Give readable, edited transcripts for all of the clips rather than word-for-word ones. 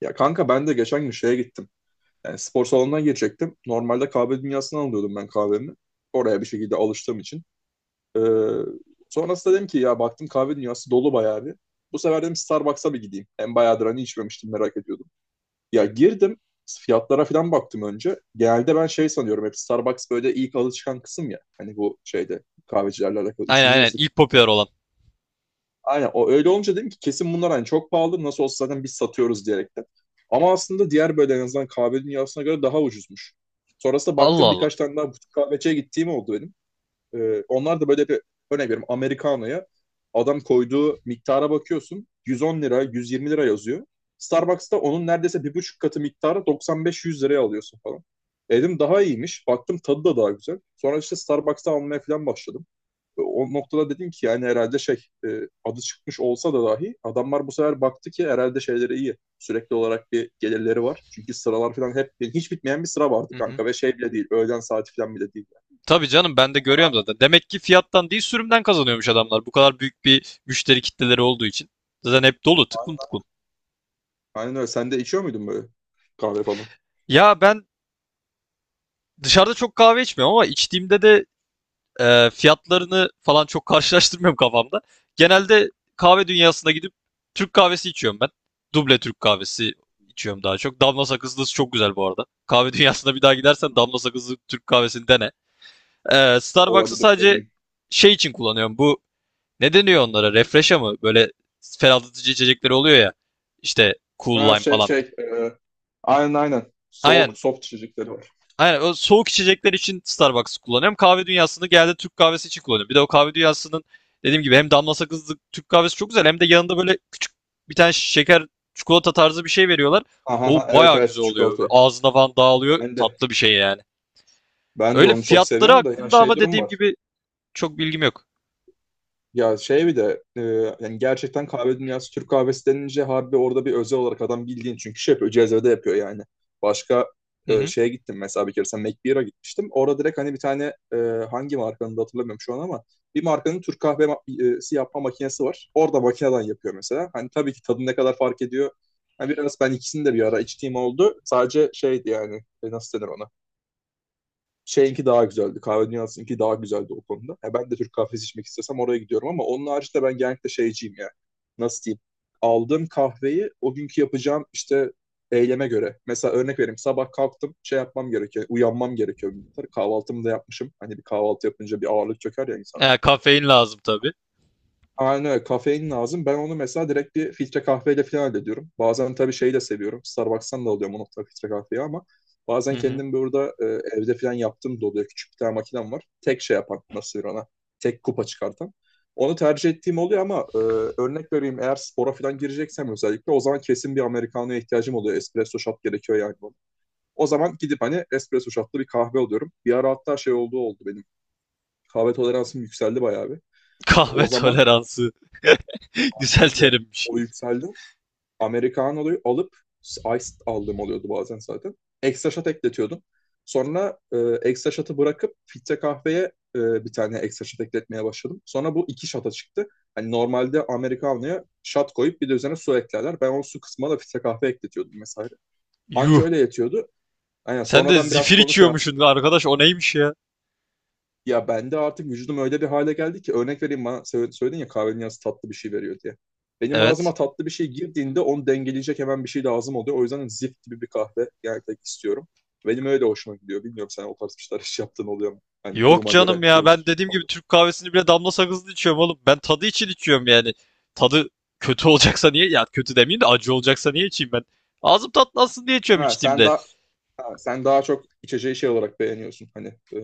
Ya kanka ben de geçen gün şeye gittim. Yani spor salonuna girecektim. Normalde kahve dünyasından alıyordum ben kahvemi. Oraya bir şekilde alıştığım için. Ee, sonrasında dedim ki ya baktım kahve dünyası dolu bayağı bir. Bu sefer dedim Starbucks'a bir gideyim. Hem bayağıdır hani içmemiştim merak ediyordum. Ya girdim fiyatlara falan baktım önce. Genelde ben şey sanıyorum hep Starbucks böyle ilk alı çıkan kısım ya. Hani bu şeyde kahvecilerle alakalı. Aynen Üçüncü aynen nesil. ilk popüler olan. Aynen o öyle olunca dedim ki kesin bunlar hani çok pahalı nasıl olsa zaten biz satıyoruz diyerek de. Ama aslında diğer böyle en azından kahve dünyasına göre daha ucuzmuş. Sonrasında Allah baktım Allah. birkaç tane daha butik kahveciye gittiğim oldu benim. Onlar da böyle bir örnek veriyorum Americano'ya adam koyduğu miktara bakıyorsun 110 lira 120 lira yazıyor. Starbucks'ta onun neredeyse bir buçuk katı miktarı 95-100 liraya alıyorsun falan. Dedim daha iyiymiş. Baktım tadı da daha güzel. Sonra işte Starbucks'ta almaya falan başladım o noktada dedim ki yani herhalde şey adı çıkmış olsa da dahi adamlar bu sefer baktı ki herhalde şeyleri iyi. Sürekli olarak bir gelirleri var. Çünkü sıralar falan hep yani hiç bitmeyen bir sıra vardı Hı hı. kanka ve şey bile değil. Öğlen saati falan bile değil. Yani. Tabii canım ben de görüyorum zaten. Demek ki fiyattan değil sürümden kazanıyormuş adamlar. Bu kadar büyük bir müşteri kitleleri olduğu için. Zaten hep dolu tıklım Aynen, tıklım. aynen öyle. Sen de içiyor muydun böyle kahve falan? Ya ben dışarıda çok kahve içmiyorum ama içtiğimde de fiyatlarını falan çok karşılaştırmıyorum kafamda. Genelde kahve dünyasına gidip Türk kahvesi içiyorum ben. Duble Türk kahvesi içiyorum daha çok. Damla sakızlısı çok güzel bu arada. Kahve dünyasına bir daha gidersen Hmm. damla sakızlı Türk kahvesini dene. Starbucks'ı Olabilir sadece deneyeyim. şey için kullanıyorum. Bu ne deniyor onlara? Refresh'a mı? Böyle ferahlatıcı içecekleri oluyor ya. İşte Cool Ha Lime falan. Aynen aynen. Aynen. Soğuk soft içecekleri var. Aynen. O soğuk içecekler için Starbucks'ı kullanıyorum. Kahve dünyasını geldi Türk kahvesi için kullanıyorum. Bir de o kahve dünyasının dediğim gibi hem damla sakızlı Türk kahvesi çok güzel hem de yanında böyle küçük bir tane şeker çikolata tarzı bir şey veriyorlar. Aha, O aha, evet bayağı evet güzel oluyor. çikolatayı. Ağzına falan dağılıyor. Ben de Tatlı bir şey yani. ben de Öyle onu çok fiyatları seviyorum da ya hakkında şey ama durum dediğim var. gibi çok bilgim yok. Ya şey bir de yani gerçekten kahve dünyası Türk kahvesi denince harbi orada bir özel olarak adam bildiğin çünkü şey yapıyor cezvede yapıyor yani. Başka Hı hı. şeye gittim mesela bir kere sen McBeer'a gitmiştim. Orada direkt hani bir tane e, hangi markanın da hatırlamıyorum şu an ama bir markanın Türk kahvesi yapma makinesi var. Orada makineden yapıyor mesela. Hani tabii ki tadı ne kadar fark ediyor. Hani biraz ben ikisini de bir ara içtiğim oldu. Sadece şeydi yani nasıl denir ona? Şeyinki daha güzeldi. Kahve Dünyası'nınki daha güzeldi o konuda. Ya ben de Türk kahvesi içmek istesem oraya gidiyorum ama onun haricinde ben genellikle şeyciyim yani. Nasıl diyeyim? Aldığım kahveyi o günkü yapacağım işte eyleme göre. Mesela örnek vereyim. Sabah kalktım şey yapmam gerekiyor. Uyanmam gerekiyor. Kahvaltımı da yapmışım. Hani bir kahvaltı yapınca bir ağırlık çöker ya insan. E, kafein lazım tabii. Aynen öyle. Kafein lazım. Ben onu mesela direkt bir filtre kahveyle falan hallediyorum. Bazen tabii şeyi de seviyorum. Starbucks'tan da alıyorum o nokta filtre kahveyi ama bazen Hı hı. kendim burada evde falan yaptığım da oluyor. Küçük bir tane makinem var. Tek şey yapan nasıl denir ona? Tek kupa çıkartan. Onu tercih ettiğim oluyor ama örnek vereyim eğer spora falan gireceksem özellikle o zaman kesin bir Americano'ya ihtiyacım oluyor. Espresso shot gerekiyor yani bana. O zaman gidip hani espresso shotlı bir kahve alıyorum. Bir ara hatta şey olduğu oldu benim. Kahve toleransım yükseldi bayağı bir. O Kahve zaman toleransı. Güzel aynen öyle. terimmiş. O yükseldi. Americano'yu alıp Ice aldığım oluyordu bazen zaten. Ekstra shot ekletiyordum. Sonra ekstra shot'ı bırakıp filtre kahveye bir tane ekstra shot ekletmeye başladım. Sonra bu iki shot'a çıktı. Hani normalde Americano'ya shot koyup bir de üzerine su eklerler. Ben o su kısmına da filtre kahve ekletiyordum mesela. Anca Yuh. öyle yetiyordu. Aynen Sen de sonradan zifir birazcık onu şey içiyormuşsun yaptım. arkadaş o neymiş ya? Ya bende artık vücudum öyle bir hale geldi ki örnek vereyim bana söyledin ya kahvenin yanında tatlı bir şey veriyor diye. Benim Evet. ağzıma tatlı bir şey girdiğinde onu dengeleyecek hemen bir şey lazım oluyor. O yüzden zift gibi bir kahve gerçekten istiyorum. Benim öyle hoşuma gidiyor. Bilmiyorum sen o tarz bir şeyler hiç yaptığın oluyor mu? Hani Yok duruma canım göre ya ben değişiklik dediğim gibi oldu. Türk kahvesini bile damla sakızlı içiyorum oğlum. Ben tadı için içiyorum yani. Tadı kötü olacaksa niye? Ya kötü demeyeyim de acı olacaksa niye içeyim ben? Ağzım tatlansın diye içiyorum Ha, sen içtiğimde. daha ha, sen daha çok içeceği şey olarak beğeniyorsun hani e,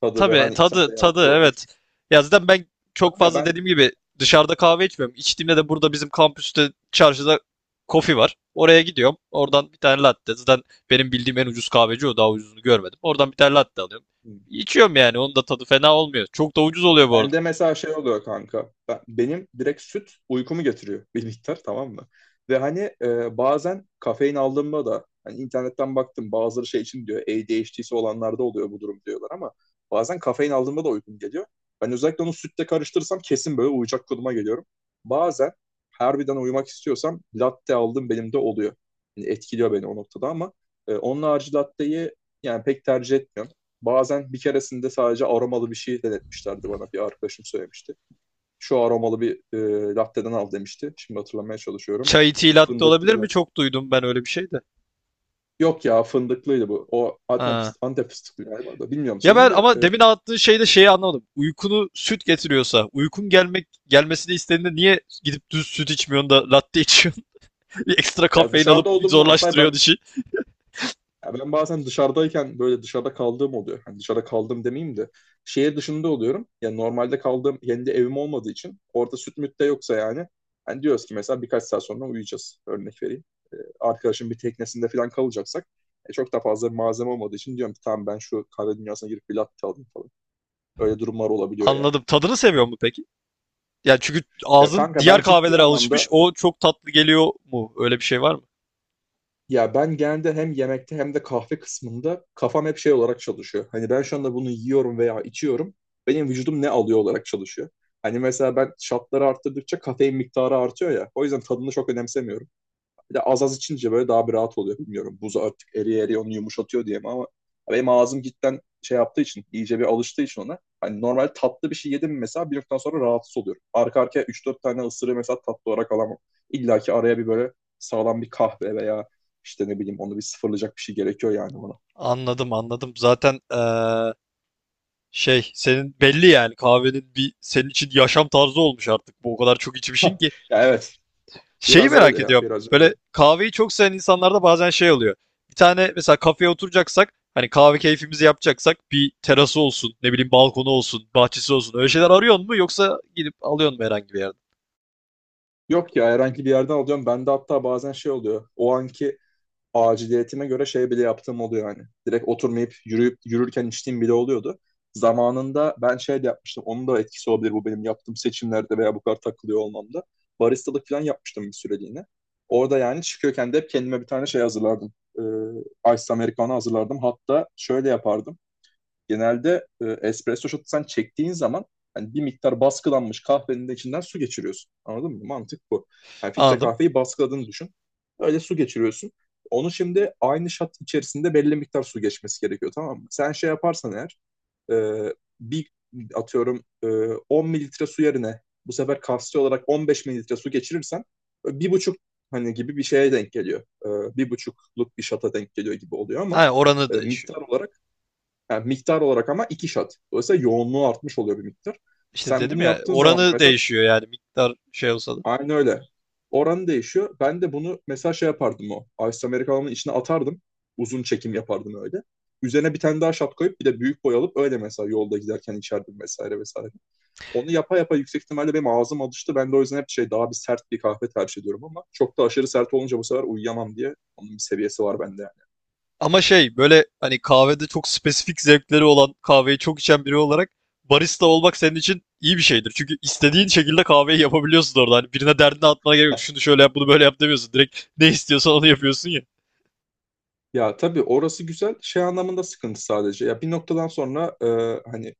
tadı ve Tabii hani sende tadı yarattığı tadı o evet. etkinden Ya zaten ben çok fazla ya dediğim gibi dışarıda kahve içmiyorum. İçtiğimde de burada bizim kampüste çarşıda kofi var. Oraya gidiyorum. Oradan bir tane latte. Zaten benim bildiğim en ucuz kahveci o. Daha ucuzunu görmedim. Oradan bir tane latte alıyorum. ben. İçiyorum yani. Onun da tadı fena olmuyor. Çok da ucuz oluyor bu arada. Bende mesela şey oluyor kanka. Benim direkt süt uykumu getiriyor bir miktar tamam mı? Ve hani bazen kafein aldığımda da hani internetten baktım bazıları şey için diyor ADHD'si olanlarda oluyor bu durum diyorlar ama bazen kafein aldığımda da uykum geliyor. Ben özellikle onu sütle karıştırırsam kesin böyle uyuyacak konuma geliyorum. Bazen harbiden uyumak istiyorsam latte aldım benim de oluyor. Yani etkiliyor beni o noktada ama onun harici latteyi yani pek tercih etmiyorum. Bazen bir keresinde sadece aromalı bir şey denetmişlerdi bana. Bir arkadaşım söylemişti. Şu aromalı bir latte'den al demişti. Şimdi hatırlamaya çalışıyorum. Çay tea latte Fındıklı olabilir mi? mı? Çok duydum ben öyle bir şey de. Yok ya fındıklıydı bu. O Antep, Ha. Antep fıstıklı galiba da. Bilmiyorum Ya şeyini ben de. ama demin anlattığın şeyde şeyi anlamadım. Uykunu süt getiriyorsa, uykun gelmesini istediğinde niye gidip düz süt içmiyorsun da latte içiyorsun? Bir ekstra Ya kafein alıp dışarıda olduğum varsa zorlaştırıyor ben dişi. ya ben bazen dışarıdayken böyle dışarıda kaldığım oluyor. Hani dışarıda kaldım demeyeyim de şehir dışında oluyorum. Yani normalde kaldığım kendi evim olmadığı için orada süt müt de yoksa yani. Hani diyoruz ki mesela birkaç saat sonra uyuyacağız. Örnek vereyim. Arkadaşın bir teknesinde falan kalacaksak çok da fazla bir malzeme olmadığı için diyorum ki tamam ben şu kahve dünyasına girip bir latte alayım falan. Öyle durumlar olabiliyor yani. Anladım. Tadını seviyor mu peki? Yani çünkü Ya ağzın kanka ben diğer ciddi kahvelere alışmış. anlamda O çok tatlı geliyor mu? Öyle bir şey var mı? ya ben genelde hem yemekte hem de kahve kısmında kafam hep şey olarak çalışıyor. Hani ben şu anda bunu yiyorum veya içiyorum. Benim vücudum ne alıyor olarak çalışıyor. Hani mesela ben şartları arttırdıkça kafein miktarı artıyor ya. O yüzden tadını çok önemsemiyorum. Bir de az az içince böyle daha bir rahat oluyor. Bilmiyorum buz artık eriye eriye onu yumuşatıyor diye mi ama benim ağzım cidden şey yaptığı için, iyice bir alıştığı için ona. Hani normal tatlı bir şey yedim mi mesela bir noktadan sonra rahatsız oluyorum. Arka arkaya 3-4 tane ısırığı mesela tatlı olarak alamam. İlla ki araya bir böyle sağlam bir kahve veya işte ne bileyim onu bir sıfırlayacak bir şey gerekiyor yani ona. Anladım, anladım. Zaten şey senin belli yani kahvenin bir senin için yaşam tarzı olmuş artık. Bu o kadar çok içmişsin ki. Ya evet Şeyi biraz merak öyle ya ediyorum. biraz Böyle öyle. kahveyi çok seven insanlarda bazen şey oluyor. Bir tane mesela kafeye oturacaksak hani kahve keyfimizi yapacaksak bir terası olsun, ne bileyim balkonu olsun, bahçesi olsun. Öyle şeyler arıyorsun mu yoksa gidip alıyorsun mu herhangi bir yerden? Yok ya herhangi bir yerden alıyorum. Bende hatta bazen şey oluyor. O anki aciliyetime göre şey bile yaptığım oluyor yani. Direkt oturmayıp yürüyüp yürürken içtiğim bile oluyordu. Zamanında ben şey de yapmıştım. Onun da etkisi olabilir bu benim yaptığım seçimlerde veya bu kadar takılıyor olmamda. Baristalık falan yapmıştım bir süreliğine. Orada yani çıkıyorken de hep kendime bir tane şey hazırlardım. Ice Americano hazırlardım. Hatta şöyle yapardım. Genelde espresso shot'u sen çektiğin zaman hani bir miktar baskılanmış kahvenin de içinden su geçiriyorsun. Anladın mı? Mantık bu. Yani filtre Anladım. kahveyi baskıladığını düşün. Öyle su geçiriyorsun. Onu şimdi aynı shot içerisinde belli miktar su geçmesi gerekiyor tamam mı? Sen şey yaparsan eğer e, bir atıyorum 10 mililitre su yerine bu sefer kapsül olarak 15 mililitre su geçirirsen bir buçuk hani gibi bir şeye denk geliyor. Bir buçukluk bir şata denk geliyor gibi oluyor ama Aynen oranı değişiyor. miktar olarak yani miktar olarak ama iki shot. Dolayısıyla yoğunluğu artmış oluyor bir miktar. İşte Sen dedim bunu ya yaptığın zaman da oranı mesela değişiyor yani miktar şey olsa da. aynı öyle. Oranı değişiyor. Ben de bunu mesela şey yapardım o. Ice Americano'nun içine atardım. Uzun çekim yapardım öyle. Üzerine bir tane daha shot koyup bir de büyük boy alıp öyle mesela yolda giderken içerdim vesaire vesaire. Onu yapa yapa yüksek ihtimalle benim ağzım alıştı. Ben de o yüzden hep şey daha bir sert bir kahve tercih ediyorum ama çok da aşırı sert olunca bu sefer uyuyamam diye onun bir seviyesi var bende yani. Ama şey böyle hani kahvede çok spesifik zevkleri olan kahveyi çok içen biri olarak barista olmak senin için iyi bir şeydir. Çünkü istediğin şekilde kahveyi yapabiliyorsun orada. Hani birine derdini atmana gerek yok. Şunu şöyle yap bunu böyle yap demiyorsun. Direkt ne istiyorsan onu yapıyorsun ya. Ya tabii orası güzel. Şey anlamında sıkıntı sadece. Ya bir noktadan sonra hani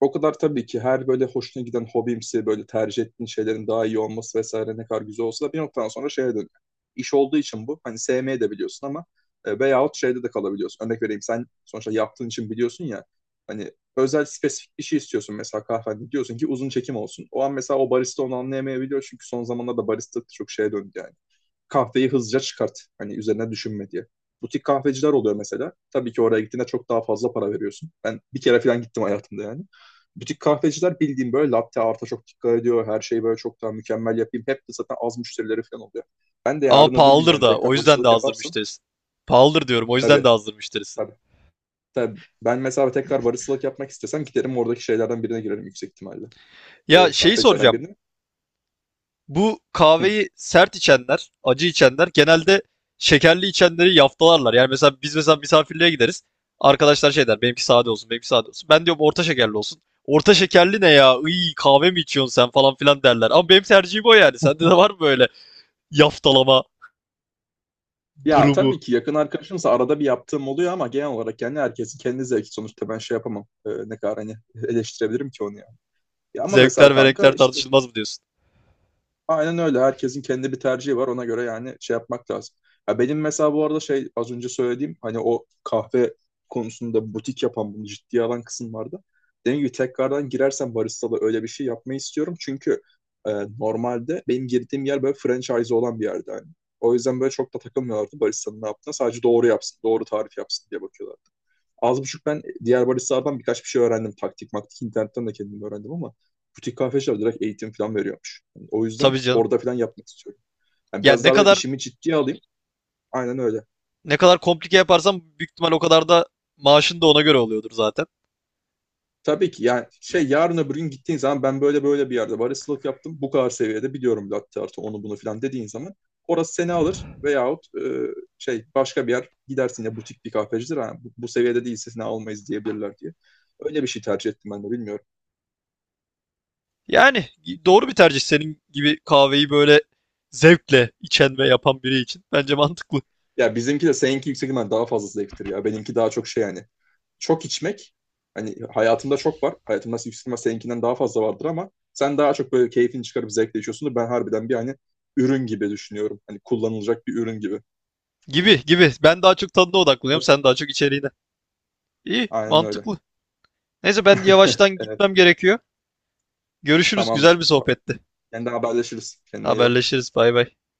o kadar tabii ki her böyle hoşuna giden hobimsi böyle tercih ettiğin şeylerin daha iyi olması vesaire ne kadar güzel olsa da bir noktadan sonra şeye dönüyor. İş olduğu için bu. Hani sevmeye de biliyorsun ama veyahut şeyde de kalabiliyorsun. Örnek vereyim sen sonuçta yaptığın için biliyorsun ya hani özel spesifik bir şey istiyorsun mesela kahvende diyorsun ki uzun çekim olsun. O an mesela o barista onu anlayamayabiliyor çünkü son zamanlarda barista çok şeye döndü yani kahveyi hızlıca çıkart. Hani üzerine düşünme diye. Butik kahveciler oluyor mesela. Tabii ki oraya gittiğinde çok daha fazla para veriyorsun. Ben bir kere falan gittim hayatımda yani. Butik kahveciler bildiğim böyle latte arta çok dikkat ediyor. Her şeyi böyle çok daha mükemmel yapayım. Hep de zaten az müşterileri falan oluyor. Ben de Ama yarın öbür gün pahalıdır yani da o tekrar yüzden de baristalık azdır yaparsın. müşterisi. Pahalıdır diyorum o yüzden de Tabii azdır müşterisi. tabii. Tabii ben mesela tekrar baristalık yapmak istesem giderim oradaki şeylerden birine girerim yüksek ihtimalle. Ya şeyi Kahvecilerden soracağım. birine. Bu Hı. kahveyi sert içenler, acı içenler genelde şekerli içenleri yaftalarlar. Yani mesela biz mesela misafirliğe gideriz. Arkadaşlar şey der, benimki sade olsun, benimki sade olsun. Ben diyorum orta şekerli olsun. Orta şekerli ne ya? İyi kahve mi içiyorsun sen falan filan derler. Ama benim tercihim o yani. Sende de var mı böyle yaftalama Ya durumu? tabii ki yakın arkadaşımsa arada bir yaptığım oluyor ama genel olarak yani herkesin kendi zevki sonuçta ben şey yapamam. Ne kadar hani eleştirebilirim ki onu ya. Ya ama mesela Zevkler ve renkler kanka işte tartışılmaz mı diyorsun? aynen öyle. Herkesin kendi bir tercihi var. Ona göre yani şey yapmak lazım. Ya benim mesela bu arada şey az önce söylediğim hani o kahve konusunda butik yapan bunu ciddiye alan kısım vardı. Dediğim gibi tekrardan girersem baristalı öyle bir şey yapmayı istiyorum. Çünkü e, normalde benim girdiğim yer böyle franchise olan bir yerde yani. O yüzden böyle çok da takılmıyorlardı baristanın ne yaptığına. Sadece doğru yapsın, doğru tarif yapsın diye bakıyorlar az buçuk ben diğer baristalardan birkaç bir şey öğrendim. Taktik maktik internetten de kendim öğrendim ama butik kahveciler direkt eğitim falan veriyormuş. Yani o yüzden Tabii canım. orada falan yapmak istiyorum. Yani Yani biraz ne daha böyle kadar işimi ciddiye alayım. Aynen öyle. ne kadar komplike yaparsam büyük ihtimal o kadar da maaşın da ona göre oluyordur zaten. Tabii ki yani şey yarın öbür gün gittiğin zaman ben böyle böyle bir yerde baristalık yaptım. Bu kadar seviyede biliyorum latte artı onu bunu falan dediğin zaman orası seni alır veyahut şey başka bir yer gidersin ya butik bir kahvecidir. Ha, bu seviyede değilse seni almayız diyebilirler diye. Öyle bir şey tercih ettim ben de bilmiyorum. Yani doğru bir tercih senin gibi kahveyi böyle zevkle içen ve yapan biri için. Bence mantıklı. Ya bizimki de seninki yüksek ihtimal daha fazla zevktir ya. Benimki daha çok şey yani. Çok içmek hani hayatımda çok var. Hayatımda yüksek ihtimal seninkinden daha fazla vardır ama sen daha çok böyle keyfini çıkarıp zevkle içiyorsundur. Ben harbiden bir hani ürün gibi düşünüyorum. Hani kullanılacak bir ürün gibi. Gibi gibi. Ben daha çok tadına odaklanıyorum. Evet. Sen daha çok içeriğine. İyi, Aynen öyle. mantıklı. Neyse ben yavaştan Evet. gitmem gerekiyor. Görüşürüz. Güzel Tamamdır. bir Tamam. sohbetti. Kendine haberleşiriz. Kendine iyi bak. Haberleşiriz. Bay bay.